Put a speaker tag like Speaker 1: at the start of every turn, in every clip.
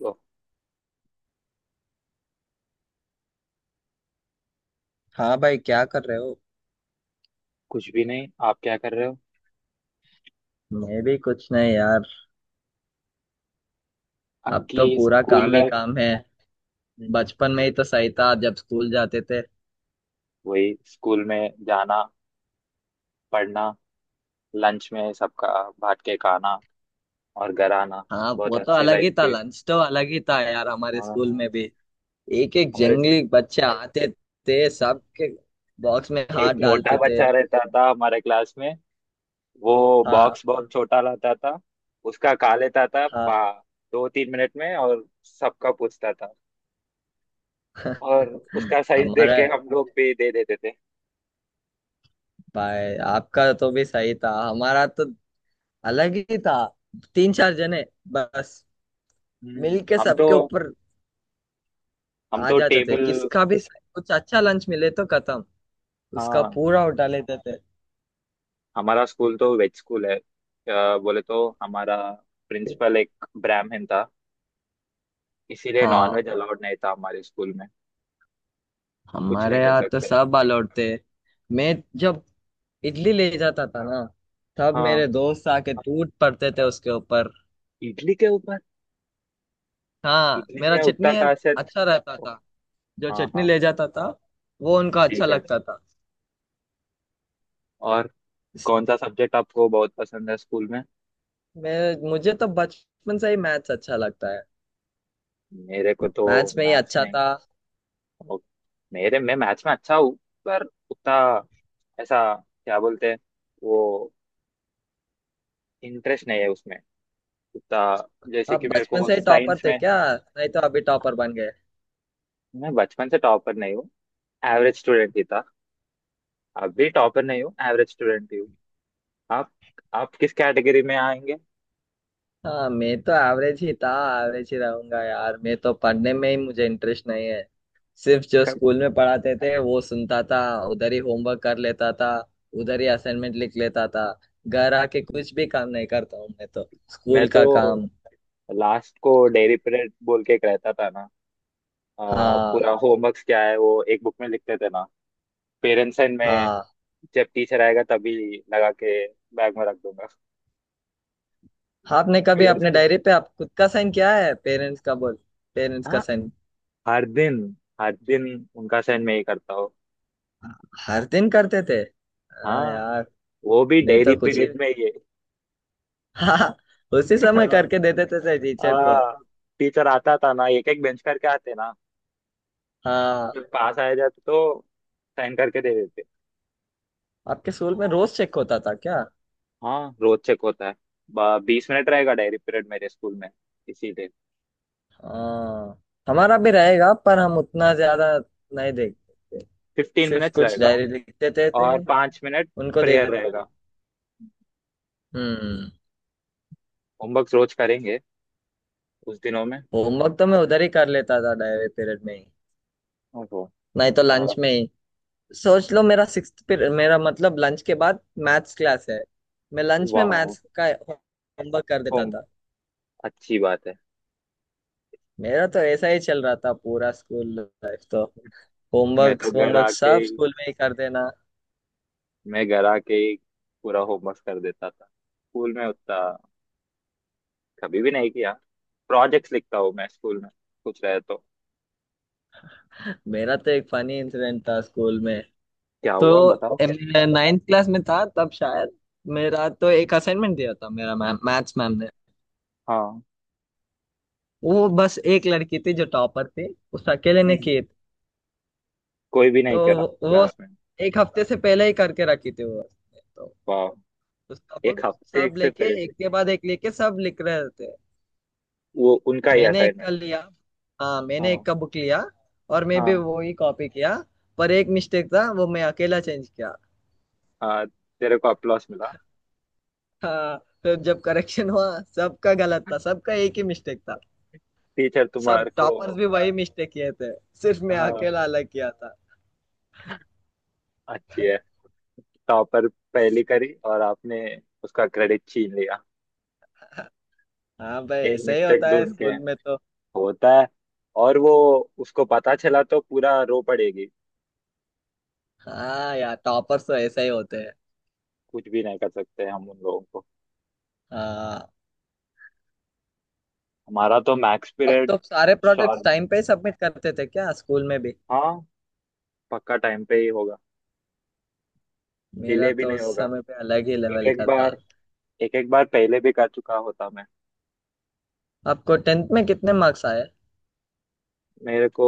Speaker 1: तो
Speaker 2: हाँ भाई, क्या कर रहे हो।
Speaker 1: कुछ भी नहीं। आप क्या कर रहे हो?
Speaker 2: मैं भी कुछ नहीं यार। अब तो
Speaker 1: आपकी
Speaker 2: पूरा
Speaker 1: स्कूल
Speaker 2: काम ही
Speaker 1: लाइफ।
Speaker 2: काम है।
Speaker 1: हम्म।
Speaker 2: बचपन में ही तो सही था जब स्कूल जाते थे।
Speaker 1: वही स्कूल में जाना, पढ़ना, लंच में सबका बांट के खाना, और घर आना।
Speaker 2: हाँ,
Speaker 1: बहुत
Speaker 2: वो तो
Speaker 1: अच्छे
Speaker 2: अलग
Speaker 1: लाइफ
Speaker 2: ही था,
Speaker 1: थे।
Speaker 2: लंच तो अलग ही था यार, हमारे स्कूल
Speaker 1: हाँ,
Speaker 2: में भी एक एक
Speaker 1: हमारे से
Speaker 2: जंगली बच्चे आते थे, सबके बॉक्स में हाथ
Speaker 1: एक मोटा
Speaker 2: डालते थे।
Speaker 1: बच्चा रहता था हमारे क्लास में। वो
Speaker 2: हाँ।
Speaker 1: बॉक्स बहुत छोटा लाता था। उसका खा लेता था
Speaker 2: हाँ।
Speaker 1: पा 2-3 मिनट में और सबका पूछता था। और उसका साइज देख
Speaker 2: हमारा...
Speaker 1: के हम लोग भी दे देते थे।
Speaker 2: भाई आपका तो भी सही था, हमारा तो अलग ही था। तीन चार जने बस
Speaker 1: हम्म।
Speaker 2: मिलके
Speaker 1: हम तो
Speaker 2: सबके ऊपर
Speaker 1: हम
Speaker 2: आ
Speaker 1: तो
Speaker 2: जाते थे।
Speaker 1: टेबल।
Speaker 2: किसका भी कुछ अच्छा लंच मिले तो खत्म, उसका
Speaker 1: हाँ,
Speaker 2: पूरा उठा लेते थे।
Speaker 1: हमारा स्कूल तो वेज स्कूल है। बोले तो हमारा प्रिंसिपल एक ब्राह्मण था, इसीलिए नॉन
Speaker 2: हाँ,
Speaker 1: वेज अलाउड नहीं था हमारे स्कूल में। कुछ नहीं
Speaker 2: हमारे
Speaker 1: कर
Speaker 2: यहाँ तो
Speaker 1: सकते।
Speaker 2: सब अलाउड थे। मैं जब इडली ले जाता था ना, तब मेरे
Speaker 1: हाँ।
Speaker 2: दोस्त आके टूट पड़ते थे उसके ऊपर।
Speaker 1: इडली के ऊपर।
Speaker 2: हाँ,
Speaker 1: इडली
Speaker 2: मेरा
Speaker 1: में
Speaker 2: चटनी
Speaker 1: उत्तर खासियत।
Speaker 2: अच्छा रहता था। जो
Speaker 1: हाँ,
Speaker 2: चटनी
Speaker 1: हाँ।
Speaker 2: ले जाता था वो उनको अच्छा
Speaker 1: ठीक है।
Speaker 2: लगता था।
Speaker 1: और कौन सा सब्जेक्ट आपको बहुत पसंद है स्कूल में?
Speaker 2: मैं मुझे तो बचपन से ही मैथ्स अच्छा लगता है।
Speaker 1: मेरे को तो
Speaker 2: मैथ्स में ही
Speaker 1: मैथ्स
Speaker 2: अच्छा
Speaker 1: नहीं।
Speaker 2: था।
Speaker 1: ओ, मेरे मैं मैथ्स में अच्छा हूँ, पर उतना ऐसा क्या बोलते हैं वो, इंटरेस्ट नहीं है उसमें उतना। जैसे
Speaker 2: आप
Speaker 1: कि मेरे
Speaker 2: बचपन
Speaker 1: को
Speaker 2: से ही टॉपर
Speaker 1: साइंस
Speaker 2: थे
Speaker 1: में।
Speaker 2: क्या, नहीं तो अभी टॉपर बन गए?
Speaker 1: मैं बचपन से टॉपर नहीं हूँ, एवरेज स्टूडेंट ही था। अब भी टॉपर नहीं हूँ, एवरेज स्टूडेंट ही हूँ। आप आप किस कैटेगरी में आएंगे?
Speaker 2: हाँ, मैं तो एवरेज ही था, एवरेज ही रहूंगा यार। मैं तो पढ़ने में ही मुझे इंटरेस्ट नहीं है। सिर्फ जो
Speaker 1: क-
Speaker 2: स्कूल में पढ़ाते थे वो सुनता था। उधर ही होमवर्क कर लेता था, उधर ही असाइनमेंट लिख लेता था। घर आके कुछ भी काम नहीं करता हूँ मैं तो,
Speaker 1: मैं
Speaker 2: स्कूल
Speaker 1: तो
Speaker 2: का काम।
Speaker 1: लास्ट को डेयरी पीरियड बोल के एक रहता था ना।
Speaker 2: हाँ।
Speaker 1: पूरा होमवर्क क्या है वो एक बुक में लिखते थे ना। पेरेंट्स एंड में,
Speaker 2: हाँ।
Speaker 1: जब टीचर आएगा तभी लगा के बैग में रख दूंगा।
Speaker 2: हाँ, आपने कभी
Speaker 1: पेरेंट्स
Speaker 2: अपने
Speaker 1: को,
Speaker 2: डायरी पे आप खुद का साइन किया है, पेरेंट्स का बोल... पेरेंट्स का
Speaker 1: हाँ,
Speaker 2: साइन?
Speaker 1: हर दिन, हर दिन उनका साइन मैं ही करता हूँ।
Speaker 2: हर दिन करते थे? हाँ
Speaker 1: हाँ,
Speaker 2: यार।
Speaker 1: वो भी
Speaker 2: मैं
Speaker 1: डेयरी
Speaker 2: तो कुछ ही
Speaker 1: पीरियड में ही
Speaker 2: हाँ, उसी
Speaker 1: है।
Speaker 2: समय करके देते थे टीचर को।
Speaker 1: हाँ। टीचर आता था ना, एक एक बेंच करके आते ना।
Speaker 2: हाँ,
Speaker 1: जब पास आया जाते तो साइन करके दे देते।
Speaker 2: आपके स्कूल में रोज चेक होता था क्या?
Speaker 1: हाँ, रोज चेक होता है। 20 मिनट रहेगा डायरी पीरियड मेरे स्कूल में, इसीलिए
Speaker 2: हाँ, हमारा भी रहेगा पर हम उतना ज्यादा नहीं देखते थे।
Speaker 1: फिफ्टीन
Speaker 2: सिर्फ
Speaker 1: मिनट्स
Speaker 2: कुछ
Speaker 1: रहेगा
Speaker 2: डायरी लिख देते थे,
Speaker 1: और 5 मिनट
Speaker 2: उनको दे
Speaker 1: प्रेयर
Speaker 2: देते
Speaker 1: रहेगा।
Speaker 2: थे। हम्म।
Speaker 1: होमवर्क रोज करेंगे उस दिनों में।
Speaker 2: होमवर्क तो मैं उधर ही कर लेता था, डायरी पीरियड में ही।
Speaker 1: ओहो।
Speaker 2: नहीं तो लंच
Speaker 1: तो।
Speaker 2: में ही। सोच लो, मेरा सिक्स्थ पीरियड मेरा मतलब लंच के बाद मैथ्स क्लास है। मैं लंच में
Speaker 1: वाह,
Speaker 2: मैथ्स का होमवर्क कर देता
Speaker 1: होम,
Speaker 2: था।
Speaker 1: अच्छी बात है।
Speaker 2: मेरा तो ऐसा ही चल रहा था पूरा स्कूल लाइफ तो।
Speaker 1: मैं
Speaker 2: होमवर्क
Speaker 1: तो घर
Speaker 2: होमवर्क
Speaker 1: आके
Speaker 2: सब
Speaker 1: ही
Speaker 2: स्कूल में ही कर देना।
Speaker 1: मैं घर आके ही पूरा होमवर्क कर देता था। स्कूल में उतना कभी भी नहीं किया। प्रोजेक्ट्स लिखता हूँ मैं स्कूल में, कुछ रहे तो।
Speaker 2: मेरा तो एक फनी इंसिडेंट था स्कूल में।
Speaker 1: क्या
Speaker 2: तो
Speaker 1: हुआ बताओ?
Speaker 2: नाइन्थ क्लास में था तब शायद। मेरा तो एक असाइनमेंट दिया था मेरा मैम, मैथ्स मैम ने।
Speaker 1: हाँ।
Speaker 2: वो बस एक लड़की थी जो टॉपर थी, उस अकेले ने
Speaker 1: हम्म।
Speaker 2: की।
Speaker 1: कोई भी नहीं करा
Speaker 2: तो वो
Speaker 1: क्लास में।
Speaker 2: एक हफ्ते से पहले ही करके रखी थी वो तो।
Speaker 1: वाह,
Speaker 2: तो
Speaker 1: एक
Speaker 2: सब
Speaker 1: हफ्ते
Speaker 2: सब
Speaker 1: से
Speaker 2: लेके
Speaker 1: पहले?
Speaker 2: एक के बाद एक लेके सब लिख रहे थे।
Speaker 1: वो उनका ही
Speaker 2: मैंने एक का
Speaker 1: असाइनमेंट।
Speaker 2: लिया। हाँ, मैंने
Speaker 1: हाँ।
Speaker 2: एक का बुक लिया, और मैं भी
Speaker 1: हाँ।
Speaker 2: वो ही कॉपी किया। पर एक मिस्टेक था, वो मैं अकेला चेंज किया।
Speaker 1: हाँ, तेरे को अप्लॉस मिला।
Speaker 2: हाँ। फिर जब करेक्शन हुआ, सबका गलत था, सबका एक ही मिस्टेक था।
Speaker 1: टीचर
Speaker 2: सब
Speaker 1: तुम्हारे को,
Speaker 2: टॉपर्स भी वही मिस्टेक किए थे, सिर्फ मैं
Speaker 1: हाँ।
Speaker 2: अकेला अलग किया था।
Speaker 1: अच्छी है। टॉपर पहली करी और आपने उसका क्रेडिट छीन लिया,
Speaker 2: हाँ भाई,
Speaker 1: एक
Speaker 2: ऐसा ही
Speaker 1: मिस्टेक
Speaker 2: होता है
Speaker 1: ढूंढ के।
Speaker 2: स्कूल में तो।
Speaker 1: होता है। और वो, उसको पता चला तो पूरा रो पड़ेगी।
Speaker 2: हाँ यार, टॉपर्स तो ऐसा ही होते हैं।
Speaker 1: कुछ भी नहीं कर सकते हम उन लोगों को।
Speaker 2: हाँ।
Speaker 1: हमारा तो मैक्स
Speaker 2: अब
Speaker 1: पीरियड
Speaker 2: तो सारे प्रोजेक्ट्स
Speaker 1: शार्प।
Speaker 2: टाइम पे सबमिट करते थे क्या स्कूल में भी?
Speaker 1: हाँ, पक्का टाइम पे ही होगा।
Speaker 2: मेरा
Speaker 1: डिले भी
Speaker 2: तो
Speaker 1: नहीं
Speaker 2: उस
Speaker 1: होगा।
Speaker 2: समय पे अलग ही
Speaker 1: एक
Speaker 2: लेवल
Speaker 1: एक
Speaker 2: का था।
Speaker 1: बार, एक एक बार पहले भी कर चुका होता मैं।
Speaker 2: आपको टेंथ में कितने मार्क्स आए?
Speaker 1: मेरे को,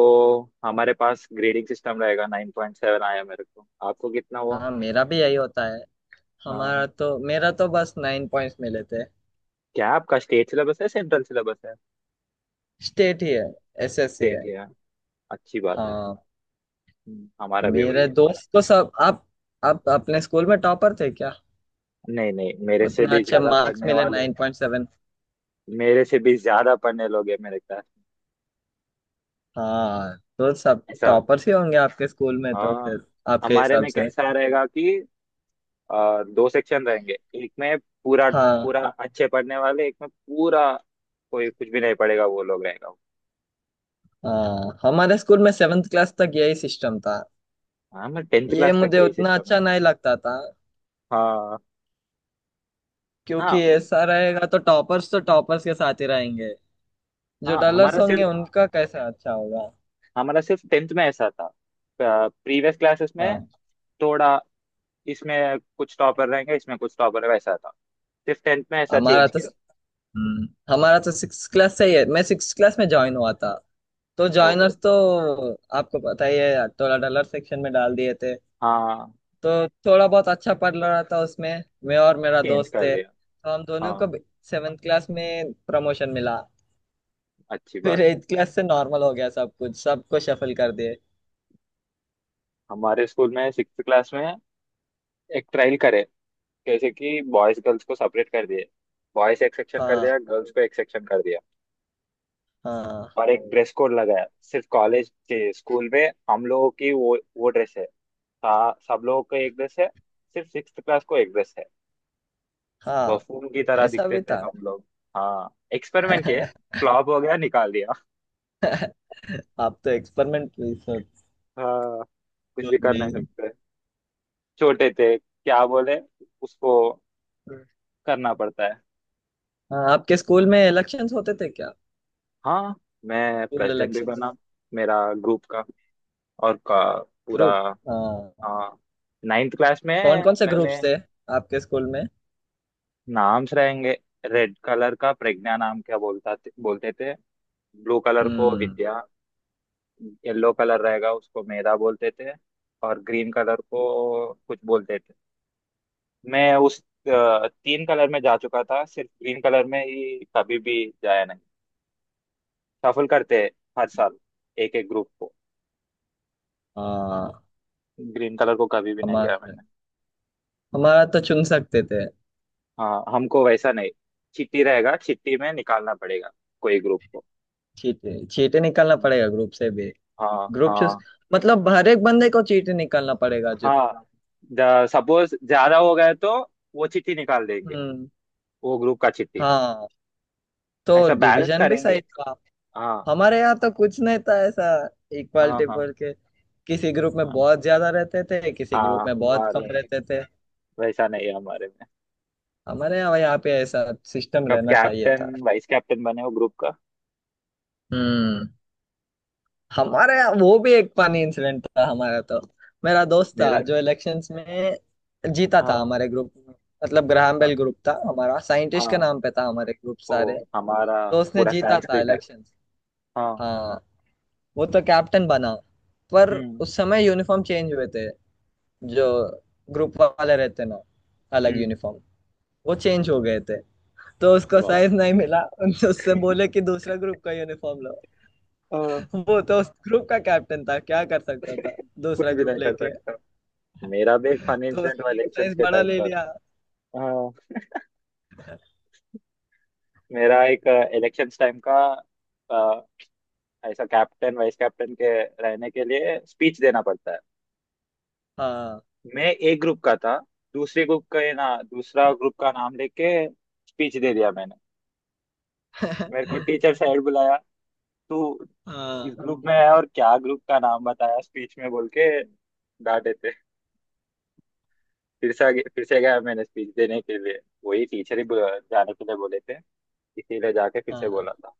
Speaker 1: हमारे पास ग्रेडिंग सिस्टम रहेगा, 9.7 आया मेरे को। आपको कितना हुआ?
Speaker 2: हाँ, मेरा भी यही होता है।
Speaker 1: हाँ।
Speaker 2: हमारा तो मेरा तो बस 9 पॉइंट्स मिले थे।
Speaker 1: क्या आपका स्टेट सिलेबस है, सेंट्रल सिलेबस है?
Speaker 2: स्टेट ही है, एसएससी है।
Speaker 1: स्टेट है। अच्छी बात है।
Speaker 2: हाँ।
Speaker 1: हमारा भी वही
Speaker 2: मेरे
Speaker 1: है।
Speaker 2: दोस्त तो सब आप अपने स्कूल में टॉपर थे क्या?
Speaker 1: नहीं नहीं, मेरे से
Speaker 2: उतना
Speaker 1: भी
Speaker 2: अच्छे
Speaker 1: ज्यादा
Speaker 2: मार्क्स
Speaker 1: पढ़ने
Speaker 2: मिले,
Speaker 1: वाले,
Speaker 2: 9.7।
Speaker 1: मेरे से भी ज्यादा पढ़ने लोग हैं मेरे क्लास में।
Speaker 2: हाँ, तो सब
Speaker 1: ऐसा।
Speaker 2: टॉपर्स ही होंगे आपके स्कूल में तो
Speaker 1: हाँ।
Speaker 2: फिर, आपके
Speaker 1: हमारे
Speaker 2: हिसाब
Speaker 1: में
Speaker 2: से।
Speaker 1: कैसा रहेगा कि दो सेक्शन रहेंगे, एक में पूरा,
Speaker 2: हाँ।
Speaker 1: पूरा अच्छे पढ़ने वाले, एक में पूरा कोई कुछ भी नहीं पढ़ेगा वो लोग रहेगा।
Speaker 2: हाँ, हमारे स्कूल में सेवेंथ क्लास तक यही सिस्टम था।
Speaker 1: हाँ, मैं टेंथ
Speaker 2: ये
Speaker 1: क्लास तक
Speaker 2: मुझे
Speaker 1: यही
Speaker 2: उतना
Speaker 1: सिस्टम है।
Speaker 2: अच्छा नहीं लगता था,
Speaker 1: हाँ।
Speaker 2: क्योंकि
Speaker 1: हाँ।
Speaker 2: ऐसा रहेगा तो टॉपर्स के साथ ही रहेंगे, जो
Speaker 1: हाँ।
Speaker 2: डलर्स
Speaker 1: हमारा
Speaker 2: होंगे
Speaker 1: सिर्फ
Speaker 2: उनका कैसा अच्छा होगा।
Speaker 1: हमारा सिर्फ टेंथ में ऐसा था। प्रीवियस क्लासेस में
Speaker 2: हाँ,
Speaker 1: थोड़ा, इसमें कुछ टॉपर रहेंगे, इसमें कुछ टॉपर रहेगा, ऐसा था। सिर्फ टेंथ में ऐसा
Speaker 2: हमारा
Speaker 1: चेंज
Speaker 2: तो
Speaker 1: किया।
Speaker 2: हम्म, हमारा तो सिक्स क्लास से ही है। मैं सिक्स क्लास में ज्वाइन हुआ था, तो
Speaker 1: ओहो।
Speaker 2: जॉइनर्स तो आपको पता ही है, टोला डॉलर सेक्शन में डाल दिए थे।
Speaker 1: हाँ,
Speaker 2: तो थोड़ा बहुत अच्छा पढ़ रहा था उसमें, मैं और मेरा
Speaker 1: चेंज
Speaker 2: दोस्त
Speaker 1: कर
Speaker 2: थे,
Speaker 1: दिया।
Speaker 2: तो हम दोनों को
Speaker 1: हाँ,
Speaker 2: सेवेंथ क्लास में प्रमोशन मिला।
Speaker 1: अच्छी
Speaker 2: फिर
Speaker 1: बात।
Speaker 2: एट्थ क्लास से नॉर्मल हो गया सब कुछ, सबको शफल कर दिए।
Speaker 1: हमारे स्कूल में सिक्स क्लास में एक ट्रायल करे, जैसे कि बॉयज गर्ल्स को सेपरेट कर दिए। बॉयज एक सेक्शन कर
Speaker 2: हाँ।
Speaker 1: दिया, गर्ल्स को एक सेक्शन कर दिया।
Speaker 2: हाँ।
Speaker 1: और एक ड्रेस कोड लगाया, सिर्फ कॉलेज के स्कूल में हम लोगों की वो ड्रेस है। सब लोगों को एक ड्रेस है, सिर्फ सिक्स क्लास को एक ड्रेस है।
Speaker 2: हाँ,
Speaker 1: बफून की तरह
Speaker 2: ऐसा
Speaker 1: दिखते
Speaker 2: भी
Speaker 1: थे
Speaker 2: था।
Speaker 1: हम लोग। हाँ, एक्सपेरिमेंट किए। फ्लॉप हो गया, निकाल दिया।
Speaker 2: आप तो एक्सपेरिमेंट रिसर्च,
Speaker 1: हाँ, कुछ भी कर नहीं
Speaker 2: नहीं।
Speaker 1: सकते। छोटे थे, क्या बोले उसको, करना पड़ता है।
Speaker 2: हाँ, आपके स्कूल में इलेक्शंस होते थे क्या?
Speaker 1: हाँ, मैं
Speaker 2: स्कूल
Speaker 1: प्रेसिडेंट भी
Speaker 2: इलेक्शंस,
Speaker 1: बना। मेरा ग्रुप का और का पूरा।
Speaker 2: ग्रुप। हाँ।
Speaker 1: हाँ, नाइन्थ क्लास में।
Speaker 2: कौन कौन से
Speaker 1: मैंने,
Speaker 2: ग्रुप्स थे आपके स्कूल में?
Speaker 1: नाम्स रहेंगे। रेड कलर का प्रज्ञा नाम क्या बोलते थे। ब्लू कलर को
Speaker 2: हम्म।
Speaker 1: विद्या। येलो कलर रहेगा, उसको मेधा बोलते थे। और ग्रीन कलर को कुछ बोलते थे। मैं उस तीन कलर में जा चुका था, सिर्फ ग्रीन कलर में ही कभी भी जाया नहीं। सफल करते हैं हर साल एक एक ग्रुप को।
Speaker 2: हाँ,
Speaker 1: ग्रीन कलर को कभी भी नहीं गया
Speaker 2: हमारा...
Speaker 1: मैंने।
Speaker 2: हमारा तो चुन सकते थे।
Speaker 1: हाँ, हमको वैसा नहीं, चिट्ठी रहेगा, चिट्ठी में निकालना पड़ेगा कोई ग्रुप को।
Speaker 2: चीटे चीटे निकालना पड़ेगा ग्रुप से भी,
Speaker 1: हाँ,
Speaker 2: ग्रुप चूज,
Speaker 1: हाँ।
Speaker 2: मतलब हर एक बंदे को चीटे निकालना पड़ेगा जो।
Speaker 1: हाँ, सपोज ज्यादा हो गए तो वो चिट्ठी निकाल देंगे,
Speaker 2: हम्म।
Speaker 1: वो ग्रुप का चिट्ठी,
Speaker 2: हाँ, तो
Speaker 1: ऐसा बैलेंस
Speaker 2: डिवीजन भी
Speaker 1: करेंगे।
Speaker 2: सही था।
Speaker 1: हाँ।
Speaker 2: हमारे यहाँ तो कुछ नहीं था ऐसा,
Speaker 1: हाँ।
Speaker 2: इक्वालिटी
Speaker 1: हाँ।
Speaker 2: बोल के। किसी ग्रुप में
Speaker 1: हाँ।
Speaker 2: बहुत ज्यादा रहते थे, किसी ग्रुप
Speaker 1: हाँ,
Speaker 2: में बहुत
Speaker 1: हमारे
Speaker 2: कम
Speaker 1: में
Speaker 2: रहते थे।
Speaker 1: वैसा नहीं है हमारे में।
Speaker 2: हमारे यहाँ यहाँ पे ऐसा सिस्टम
Speaker 1: कब
Speaker 2: रहना चाहिए था।
Speaker 1: कैप्टन वाइस कैप्टन बने वो ग्रुप का?
Speaker 2: हम्म। हमारे यहाँ वो भी एक पानी इंसिडेंट था हमारा तो। मेरा दोस्त था
Speaker 1: मेरा,
Speaker 2: जो इलेक्शंस में जीता था
Speaker 1: हाँ।
Speaker 2: हमारे ग्रुप में। मतलब ग्राहम
Speaker 1: हाँ।
Speaker 2: बेल ग्रुप था हमारा, साइंटिस्ट के
Speaker 1: हाँ,
Speaker 2: नाम पे था हमारे ग्रुप
Speaker 1: वो
Speaker 2: सारे।
Speaker 1: हमारा
Speaker 2: तो उसने
Speaker 1: पूरा
Speaker 2: जीता था
Speaker 1: संस्कृत है।
Speaker 2: इलेक्शंस।
Speaker 1: हाँ।
Speaker 2: हाँ। वो तो कैप्टन बना, पर
Speaker 1: हम्म।
Speaker 2: उस समय यूनिफॉर्म चेंज हुए थे। जो ग्रुप वाले रहते ना, अलग
Speaker 1: हम्म।
Speaker 2: यूनिफॉर्म, वो चेंज हो गए थे। तो उसको
Speaker 1: वाह।
Speaker 2: साइज नहीं मिला, उनसे उससे बोले कि दूसरा ग्रुप का यूनिफॉर्म लो।
Speaker 1: हाँ।
Speaker 2: वो तो उस ग्रुप का कैप्टन था, क्या कर सकता था?
Speaker 1: कुछ
Speaker 2: दूसरा
Speaker 1: भी
Speaker 2: ग्रुप
Speaker 1: नहीं कर
Speaker 2: लेके
Speaker 1: सकता। मेरा भी एक फनी
Speaker 2: तो
Speaker 1: इंसिडेंट हुआ
Speaker 2: उसने एक
Speaker 1: इलेक्शंस
Speaker 2: साइज
Speaker 1: के
Speaker 2: बड़ा
Speaker 1: टाइम
Speaker 2: ले
Speaker 1: पर।
Speaker 2: लिया।
Speaker 1: हाँ। मेरा एक इलेक्शन टाइम का, अ, ऐसा कैप्टन वाइस कैप्टन के रहने के लिए स्पीच देना पड़ता है।
Speaker 2: हाँ।
Speaker 1: मैं एक ग्रुप का था, दूसरे ग्रुप का, ये ना, दूसरा ग्रुप का नाम लेके स्पीच दे दिया मैंने। मेरे को टीचर साइड बुलाया, तू किस
Speaker 2: हाँ।
Speaker 1: ग्रुप में है और क्या ग्रुप का नाम बताया स्पीच में, बोल के डांटे थे। फिर से फिर से गया मैंने स्पीच देने के लिए। वही टीचर ही जाने के लिए बोले थे, इसीलिए जाके फिर से बोला
Speaker 2: हाँ,
Speaker 1: था।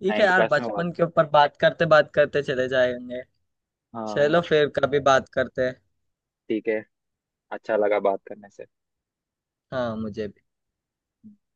Speaker 2: ठीक है
Speaker 1: नाइन्थ
Speaker 2: यार,
Speaker 1: क्लास में हुआ
Speaker 2: बचपन
Speaker 1: था।
Speaker 2: के ऊपर बात करते चले जाएंगे।
Speaker 1: हाँ,
Speaker 2: चलो फिर कभी बात करते हैं।
Speaker 1: ठीक है। अच्छा लगा बात करने से।
Speaker 2: हाँ, मुझे भी।